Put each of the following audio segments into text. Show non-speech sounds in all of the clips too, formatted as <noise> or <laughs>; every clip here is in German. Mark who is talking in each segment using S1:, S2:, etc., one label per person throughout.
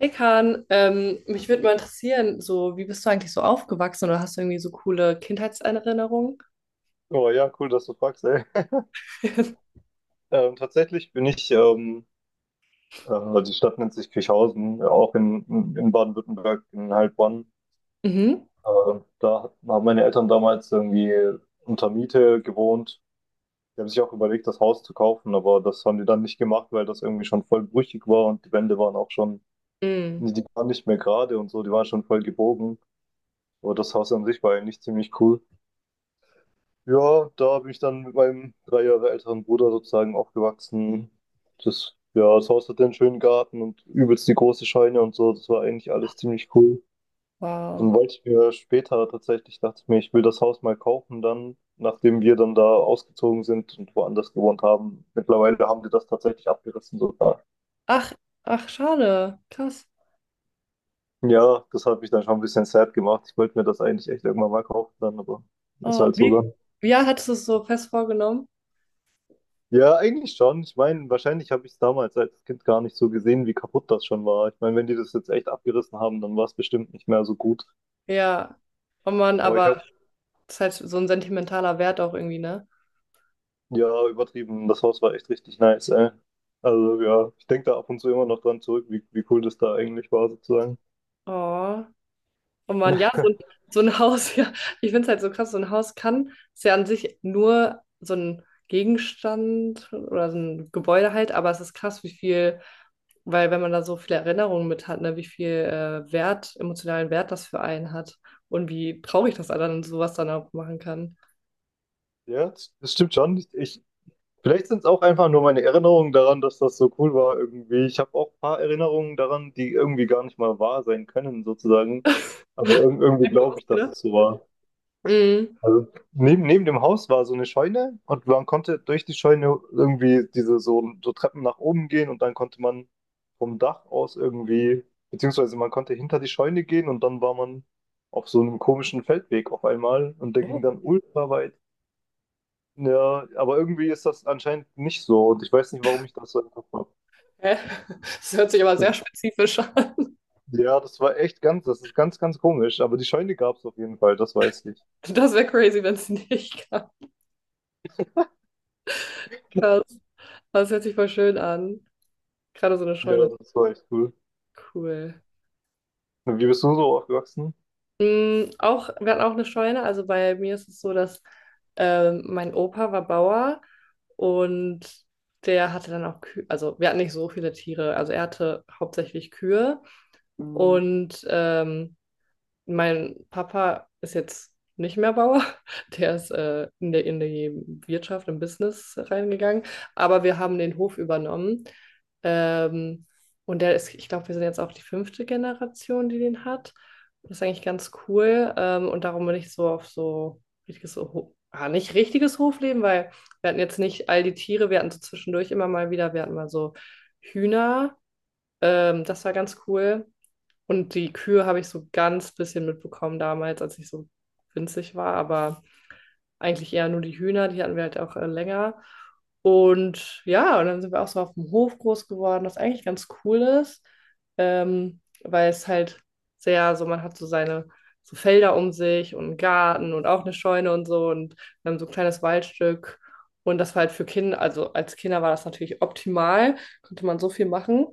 S1: Hey Kahn, mich würde mal interessieren, so wie bist du eigentlich so aufgewachsen oder hast du irgendwie so coole Kindheitserinnerungen?
S2: Oh ja, cool, dass du fragst, ey.
S1: <laughs>
S2: Tatsächlich bin ich, die Stadt nennt sich Kirchhausen, auch in Baden-Württemberg, in Heilbronn.
S1: Mhm.
S2: Äh, Haben meine Eltern damals irgendwie unter Miete gewohnt. Die haben sich auch überlegt, das Haus zu kaufen, aber das haben die dann nicht gemacht, weil das irgendwie schon voll brüchig war und die Wände waren auch schon,
S1: Mm,
S2: nee, die waren nicht mehr gerade und so, die waren schon voll gebogen. Aber das Haus an sich war eigentlich ziemlich cool. Ja, da bin ich dann mit meinem 3 Jahre älteren Bruder sozusagen aufgewachsen. Das, ja, das Haus hatte einen schönen Garten und übelst die große Scheune und so. Das war eigentlich alles ziemlich cool. Dann
S1: wow.
S2: wollte ich mir später tatsächlich, dachte ich mir, ich will das Haus mal kaufen dann, nachdem wir dann da ausgezogen sind und woanders gewohnt haben. Mittlerweile haben die das tatsächlich abgerissen sogar.
S1: Ach, ach, schade. Krass.
S2: Ja, das hat mich dann schon ein bisschen sad gemacht. Ich wollte mir das eigentlich echt irgendwann mal kaufen dann, aber ist
S1: Oh,
S2: halt so.
S1: wie? Ja, hattest du es so fest vorgenommen?
S2: Ja, eigentlich schon. Ich meine, wahrscheinlich habe ich es damals als Kind gar nicht so gesehen, wie kaputt das schon war. Ich meine, wenn die das jetzt echt abgerissen haben, dann war es bestimmt nicht mehr so gut.
S1: Ja. Oh Mann,
S2: Aber ich
S1: aber
S2: habe,
S1: das ist halt so ein sentimentaler Wert auch irgendwie, ne?
S2: ja, übertrieben. Das Haus war echt richtig nice, ey. Also ja, ich denke da ab und zu immer noch dran zurück, wie cool das da eigentlich war, sozusagen.
S1: Oh. Oh Mann, ja, so,
S2: <laughs>
S1: so ein Haus, <laughs> ja. Ich finde es halt so krass, so ein Haus kann, ist ja an sich nur so ein Gegenstand oder so ein Gebäude halt, aber es ist krass, wie viel. Weil wenn man da so viele Erinnerungen mit hat, ne, wie viel Wert, emotionalen Wert das für einen hat und wie traurig das dann sowas dann auch machen kann.
S2: Ja, das stimmt schon. Ich, vielleicht sind es auch einfach nur meine Erinnerungen daran, dass das so cool war irgendwie. Ich habe auch ein paar Erinnerungen daran, die irgendwie gar nicht mal wahr sein können, sozusagen. Aber ir irgendwie glaube ich, dass
S1: Ausgedacht?
S2: es so war.
S1: Mhm.
S2: Also neben dem Haus war so eine Scheune und man konnte durch die Scheune irgendwie diese so Treppen nach oben gehen und dann konnte man vom Dach aus irgendwie, beziehungsweise man konnte hinter die Scheune gehen und dann war man auf so einem komischen Feldweg auf einmal und der ging
S1: Oh,
S2: dann ultra weit. Ja, aber irgendwie ist das anscheinend nicht so und ich weiß nicht, warum ich das so im Kopf habe.
S1: hä? Das hört sich aber sehr spezifisch an.
S2: Ja, das ist ganz, ganz komisch, aber die Scheune gab es auf jeden Fall, das weiß ich.
S1: Das wäre crazy, wenn es nicht <laughs> gab. Krass. Das hört sich voll schön an. Gerade so eine
S2: Ja,
S1: Scheune.
S2: das war echt cool.
S1: Cool.
S2: Und wie bist du so aufgewachsen?
S1: Mm, auch, wir hatten auch eine Scheune. Also bei mir ist es so, dass mein Opa war Bauer und der hatte dann auch Kühe. Also wir hatten nicht so viele Tiere. Also er hatte hauptsächlich Kühe. Mhm. Und mein Papa ist jetzt nicht mehr Bauer, <laughs> der ist in der, in die Wirtschaft, im Business reingegangen, aber wir haben den Hof übernommen. Ähm, und der ist, ich glaube, wir sind jetzt auch die fünfte Generation, die den hat. Das ist eigentlich ganz cool. Und darum bin ich so auf so richtiges, nicht richtiges Hofleben, weil wir hatten jetzt nicht all die Tiere, wir hatten so zwischendurch immer mal wieder, wir hatten mal so Hühner. Das war ganz cool. Und die Kühe habe ich so ganz bisschen mitbekommen damals, als ich so winzig war, aber eigentlich eher nur die Hühner, die hatten wir halt auch länger. Und ja, und dann sind wir auch so auf dem Hof groß geworden, was eigentlich ganz cool ist, weil es halt sehr so, man hat so seine so Felder um sich und einen Garten und auch eine Scheune und so und wir haben so ein kleines Waldstück. Und das war halt für Kinder, also als Kinder war das natürlich optimal, konnte man so viel machen.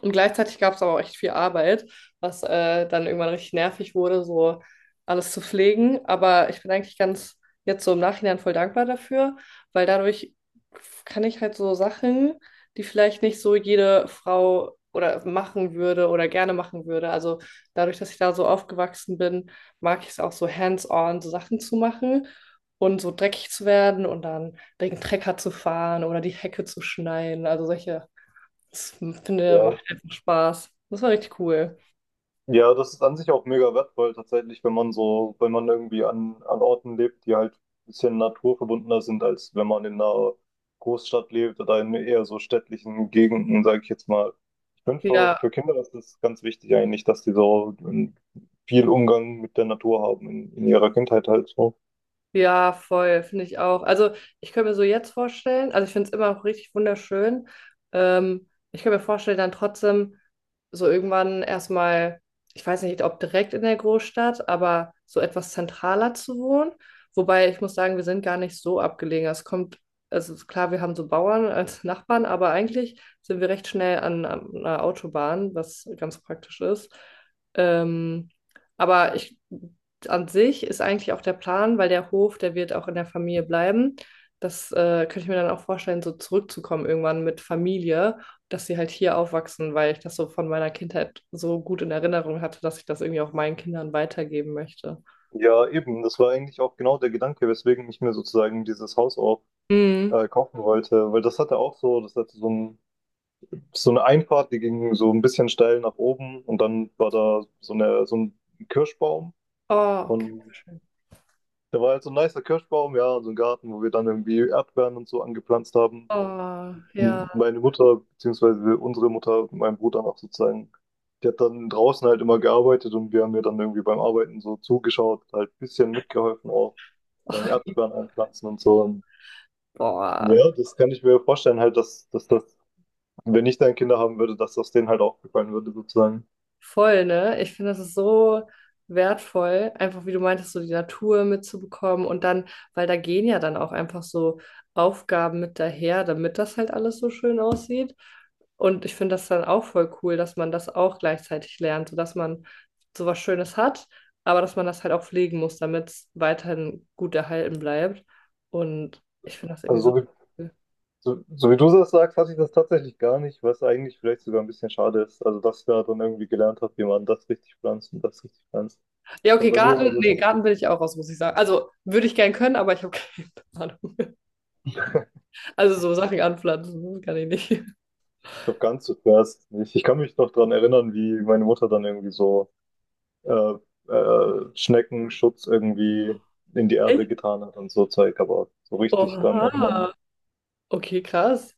S1: Und gleichzeitig gab es aber auch echt viel Arbeit, was dann irgendwann richtig nervig wurde, so alles zu pflegen. Aber ich bin eigentlich ganz jetzt so im Nachhinein voll dankbar dafür, weil dadurch kann ich halt so Sachen, die vielleicht nicht so jede Frau oder machen würde oder gerne machen würde. Also dadurch, dass ich da so aufgewachsen bin, mag ich es auch so hands-on so Sachen zu machen und so dreckig zu werden und dann den Trecker zu fahren oder die Hecke zu schneiden. Also solche, das finde,
S2: Ja.
S1: macht einfach Spaß. Das war richtig cool.
S2: Ja, das ist an sich auch mega wertvoll tatsächlich, wenn man irgendwie an Orten lebt, die halt ein bisschen naturverbundener sind, als wenn man in einer Großstadt lebt oder in eher so städtlichen Gegenden, sage ich jetzt mal. Ich finde für,
S1: Ja,
S2: für Kinder ist das ganz wichtig eigentlich, dass die so viel Umgang mit der Natur haben in ihrer Kindheit halt so.
S1: ja, voll, finde ich auch. Also ich könnte mir so jetzt vorstellen, also ich finde es immer noch richtig wunderschön. Ich könnte mir vorstellen, dann trotzdem so irgendwann erstmal, ich weiß nicht, ob direkt in der Großstadt, aber so etwas zentraler zu wohnen. Wobei ich muss sagen, wir sind gar nicht so abgelegen. Es kommt, also ist klar, wir haben so Bauern <laughs> als Nachbarn, aber eigentlich sind wir recht schnell an, an einer Autobahn, was ganz praktisch ist. Ähm, aber ich an sich ist eigentlich auch der Plan, weil der Hof, der wird auch in der Familie bleiben. Das könnte ich mir dann auch vorstellen, so zurückzukommen irgendwann mit Familie, dass sie halt hier aufwachsen, weil ich das so von meiner Kindheit so gut in Erinnerung hatte, dass ich das irgendwie auch meinen Kindern weitergeben möchte.
S2: Ja, eben, das war eigentlich auch genau der Gedanke, weswegen ich mir sozusagen dieses Haus auch
S1: Mhm.
S2: kaufen wollte, weil das hatte auch so, das hatte so einen so eine Einfahrt, die ging so ein bisschen steil nach oben und dann war da so, eine, so ein Kirschbaum
S1: Oh, okay,
S2: und
S1: schön.
S2: da war halt so ein nicer Kirschbaum, ja, und so ein Garten, wo wir dann irgendwie Erdbeeren und so angepflanzt haben.
S1: Oh, ja.
S2: Und meine Mutter, beziehungsweise unsere Mutter, mein Bruder auch sozusagen, die hat dann draußen halt immer gearbeitet und wir haben ihr dann irgendwie beim Arbeiten so zugeschaut, halt ein bisschen mitgeholfen auch beim
S1: Oh,
S2: Erdbeeren einpflanzen und so. Und
S1: boah.
S2: ja, das kann ich mir vorstellen halt, dass, dass wenn ich dann Kinder haben würde, dass das denen halt auch gefallen würde sozusagen.
S1: Voll, ne? Ich finde, das ist so wertvoll, einfach wie du meintest, so die Natur mitzubekommen und dann, weil da gehen ja dann auch einfach so Aufgaben mit daher, damit das halt alles so schön aussieht. Und ich finde das dann auch voll cool, dass man das auch gleichzeitig lernt, sodass man sowas Schönes hat, aber dass man das halt auch pflegen muss, damit es weiterhin gut erhalten bleibt. Und ich finde das irgendwie
S2: Also
S1: so
S2: so wie
S1: cool.
S2: so wie du das sagst, hatte ich das tatsächlich gar nicht, was eigentlich vielleicht sogar ein bisschen schade ist. Also, dass ich da dann irgendwie gelernt habe, wie man das richtig pflanzt und das richtig pflanzt.
S1: Ja,
S2: Aber
S1: okay,
S2: bei mir war
S1: Garten, nee,
S2: das
S1: Garten will ich auch raus, muss ich sagen. Also würde ich gern können, aber ich habe <laughs> keine Ahnung. Also so Sachen anpflanzen, das kann ich nicht.
S2: noch ganz so zuerst nicht. Ich kann mich noch daran erinnern, wie meine Mutter dann irgendwie so äh, Schneckenschutz irgendwie in die Erde
S1: Echt?
S2: getan hat und so Zeug, aber so richtig dran erinnern.
S1: Oha. Okay, krass.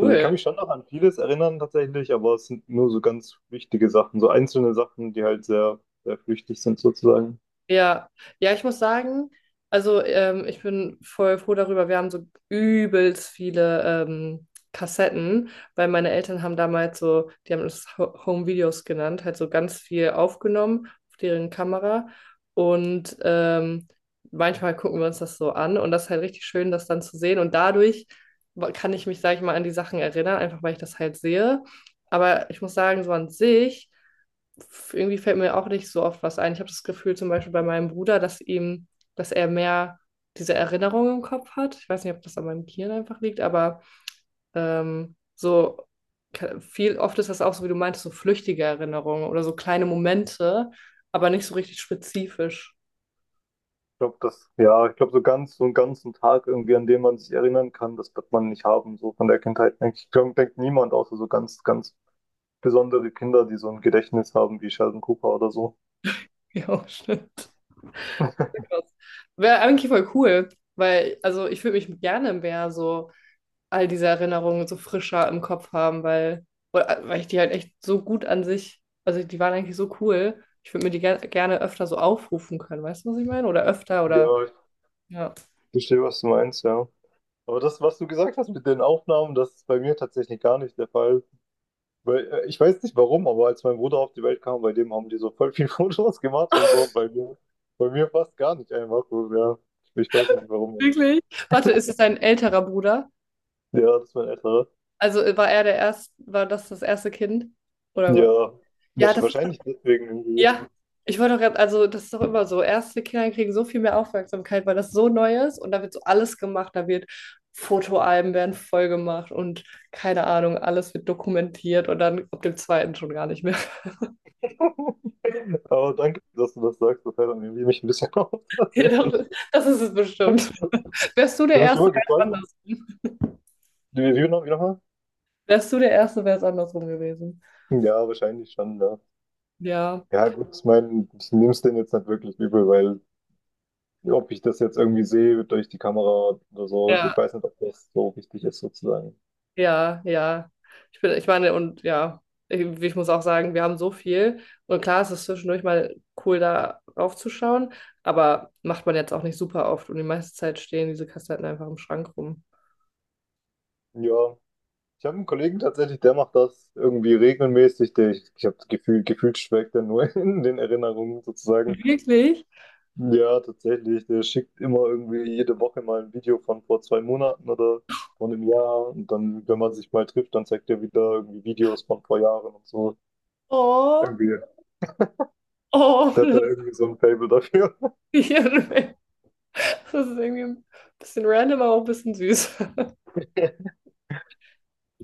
S2: Also ich kann mich schon noch an vieles erinnern tatsächlich, aber es sind nur so ganz wichtige Sachen, so einzelne Sachen, die halt sehr, sehr flüchtig sind sozusagen.
S1: Ja, ja, ich muss sagen, also ich bin voll froh darüber. Wir haben so übelst viele Kassetten, weil meine Eltern haben damals so, die haben es Home Videos genannt, halt so ganz viel aufgenommen auf deren Kamera. Und manchmal gucken wir uns das so an und das ist halt richtig schön, das dann zu sehen. Und dadurch kann ich mich, sag ich mal, an die Sachen erinnern, einfach weil ich das halt sehe. Aber ich muss sagen, so an sich irgendwie fällt mir auch nicht so oft was ein. Ich habe das Gefühl, zum Beispiel bei meinem Bruder, dass ihm, dass er mehr diese Erinnerung im Kopf hat. Ich weiß nicht, ob das an meinem Gehirn einfach liegt, aber so viel, oft ist das auch so, wie du meintest, so flüchtige Erinnerungen oder so kleine Momente, aber nicht so richtig spezifisch. <laughs>
S2: Ich glaube, das, ja, ich glaube, so ganz, so einen ganzen Tag irgendwie, an den man sich erinnern kann, das wird man nicht haben, so von der Kindheit. Denke Ich glaube denkt niemand, außer so ganz, ganz besondere Kinder, die so ein Gedächtnis haben, wie Sheldon Cooper oder so.
S1: Ja, stimmt. Wäre eigentlich voll cool, weil, also ich würde mich gerne mehr so all diese Erinnerungen so frischer im Kopf haben, weil, weil ich die halt echt so gut an sich, also die waren eigentlich so cool. Ich würde mir die gerne öfter so aufrufen können, weißt du, was ich meine? Oder öfter oder
S2: Ja, ich
S1: ja.
S2: verstehe, was du meinst, ja. Aber das, was du gesagt hast mit den Aufnahmen, das ist bei mir tatsächlich gar nicht der Fall. Weil, ich weiß nicht warum, aber als mein Bruder auf die Welt kam, bei dem haben die so voll viel <laughs> Fotos gemacht und so, und bei mir fast gar nicht einfach so, ja. Ich weiß nicht warum.
S1: Wirklich? Warte, ist es dein älterer Bruder?
S2: Ja, das ist mein älterer.
S1: Also war er der erste, war das das erste Kind? Oder war,
S2: Ja,
S1: ja,
S2: wahrsch-
S1: das
S2: wahrscheinlich deswegen irgendwie.
S1: ja, ich wollte doch gerade, also das ist doch immer so. Erste Kinder kriegen so viel mehr Aufmerksamkeit, weil das so neu ist und da wird so alles gemacht. Da wird Fotoalben werden voll gemacht und keine Ahnung, alles wird dokumentiert und dann ab dem zweiten schon gar nicht mehr. <laughs>
S2: <laughs> Aber danke, dass du das sagst. Das hält dann irgendwie mich ein bisschen <laughs> auf,
S1: Ja, doch,
S2: tatsächlich.
S1: das ist es bestimmt. Wärst du der
S2: Da bin ich
S1: Erste,
S2: immer
S1: wäre es
S2: gefragt.
S1: andersrum.
S2: Wie nochmal?
S1: Wärst du der Erste, wäre es andersrum gewesen.
S2: Ja, wahrscheinlich schon, ja.
S1: Ja,
S2: Ja, gut, ich meine, ich nehme es denen jetzt nicht wirklich übel, weil ob ich das jetzt irgendwie sehe durch die Kamera oder so,
S1: ja.
S2: ich weiß nicht, ob das so wichtig ist, sozusagen.
S1: Ja, ja. Ich bin, ich meine, und ja, irgendwie, ich muss auch sagen, wir haben so viel. Und klar, es ist zwischendurch mal cool, da raufzuschauen, aber macht man jetzt auch nicht super oft. Und die meiste Zeit stehen diese Kassetten einfach im Schrank rum.
S2: Ja, ich habe einen Kollegen tatsächlich, der macht das irgendwie regelmäßig. Der, ich habe gefühlt schwelgt er nur <laughs> in den Erinnerungen, sozusagen.
S1: Wirklich?
S2: Ja, tatsächlich. Der schickt immer irgendwie jede Woche mal ein Video von vor 2 Monaten oder von einem Jahr. Und dann, wenn man sich mal trifft, dann zeigt er wieder irgendwie Videos von vor Jahren und so.
S1: Oh,
S2: Irgendwie,
S1: oh,
S2: der hat da
S1: das
S2: irgendwie so ein Faible dafür.
S1: Gehirn. <laughs> Das ist irgendwie ein bisschen random, aber auch ein bisschen süß.
S2: <laughs>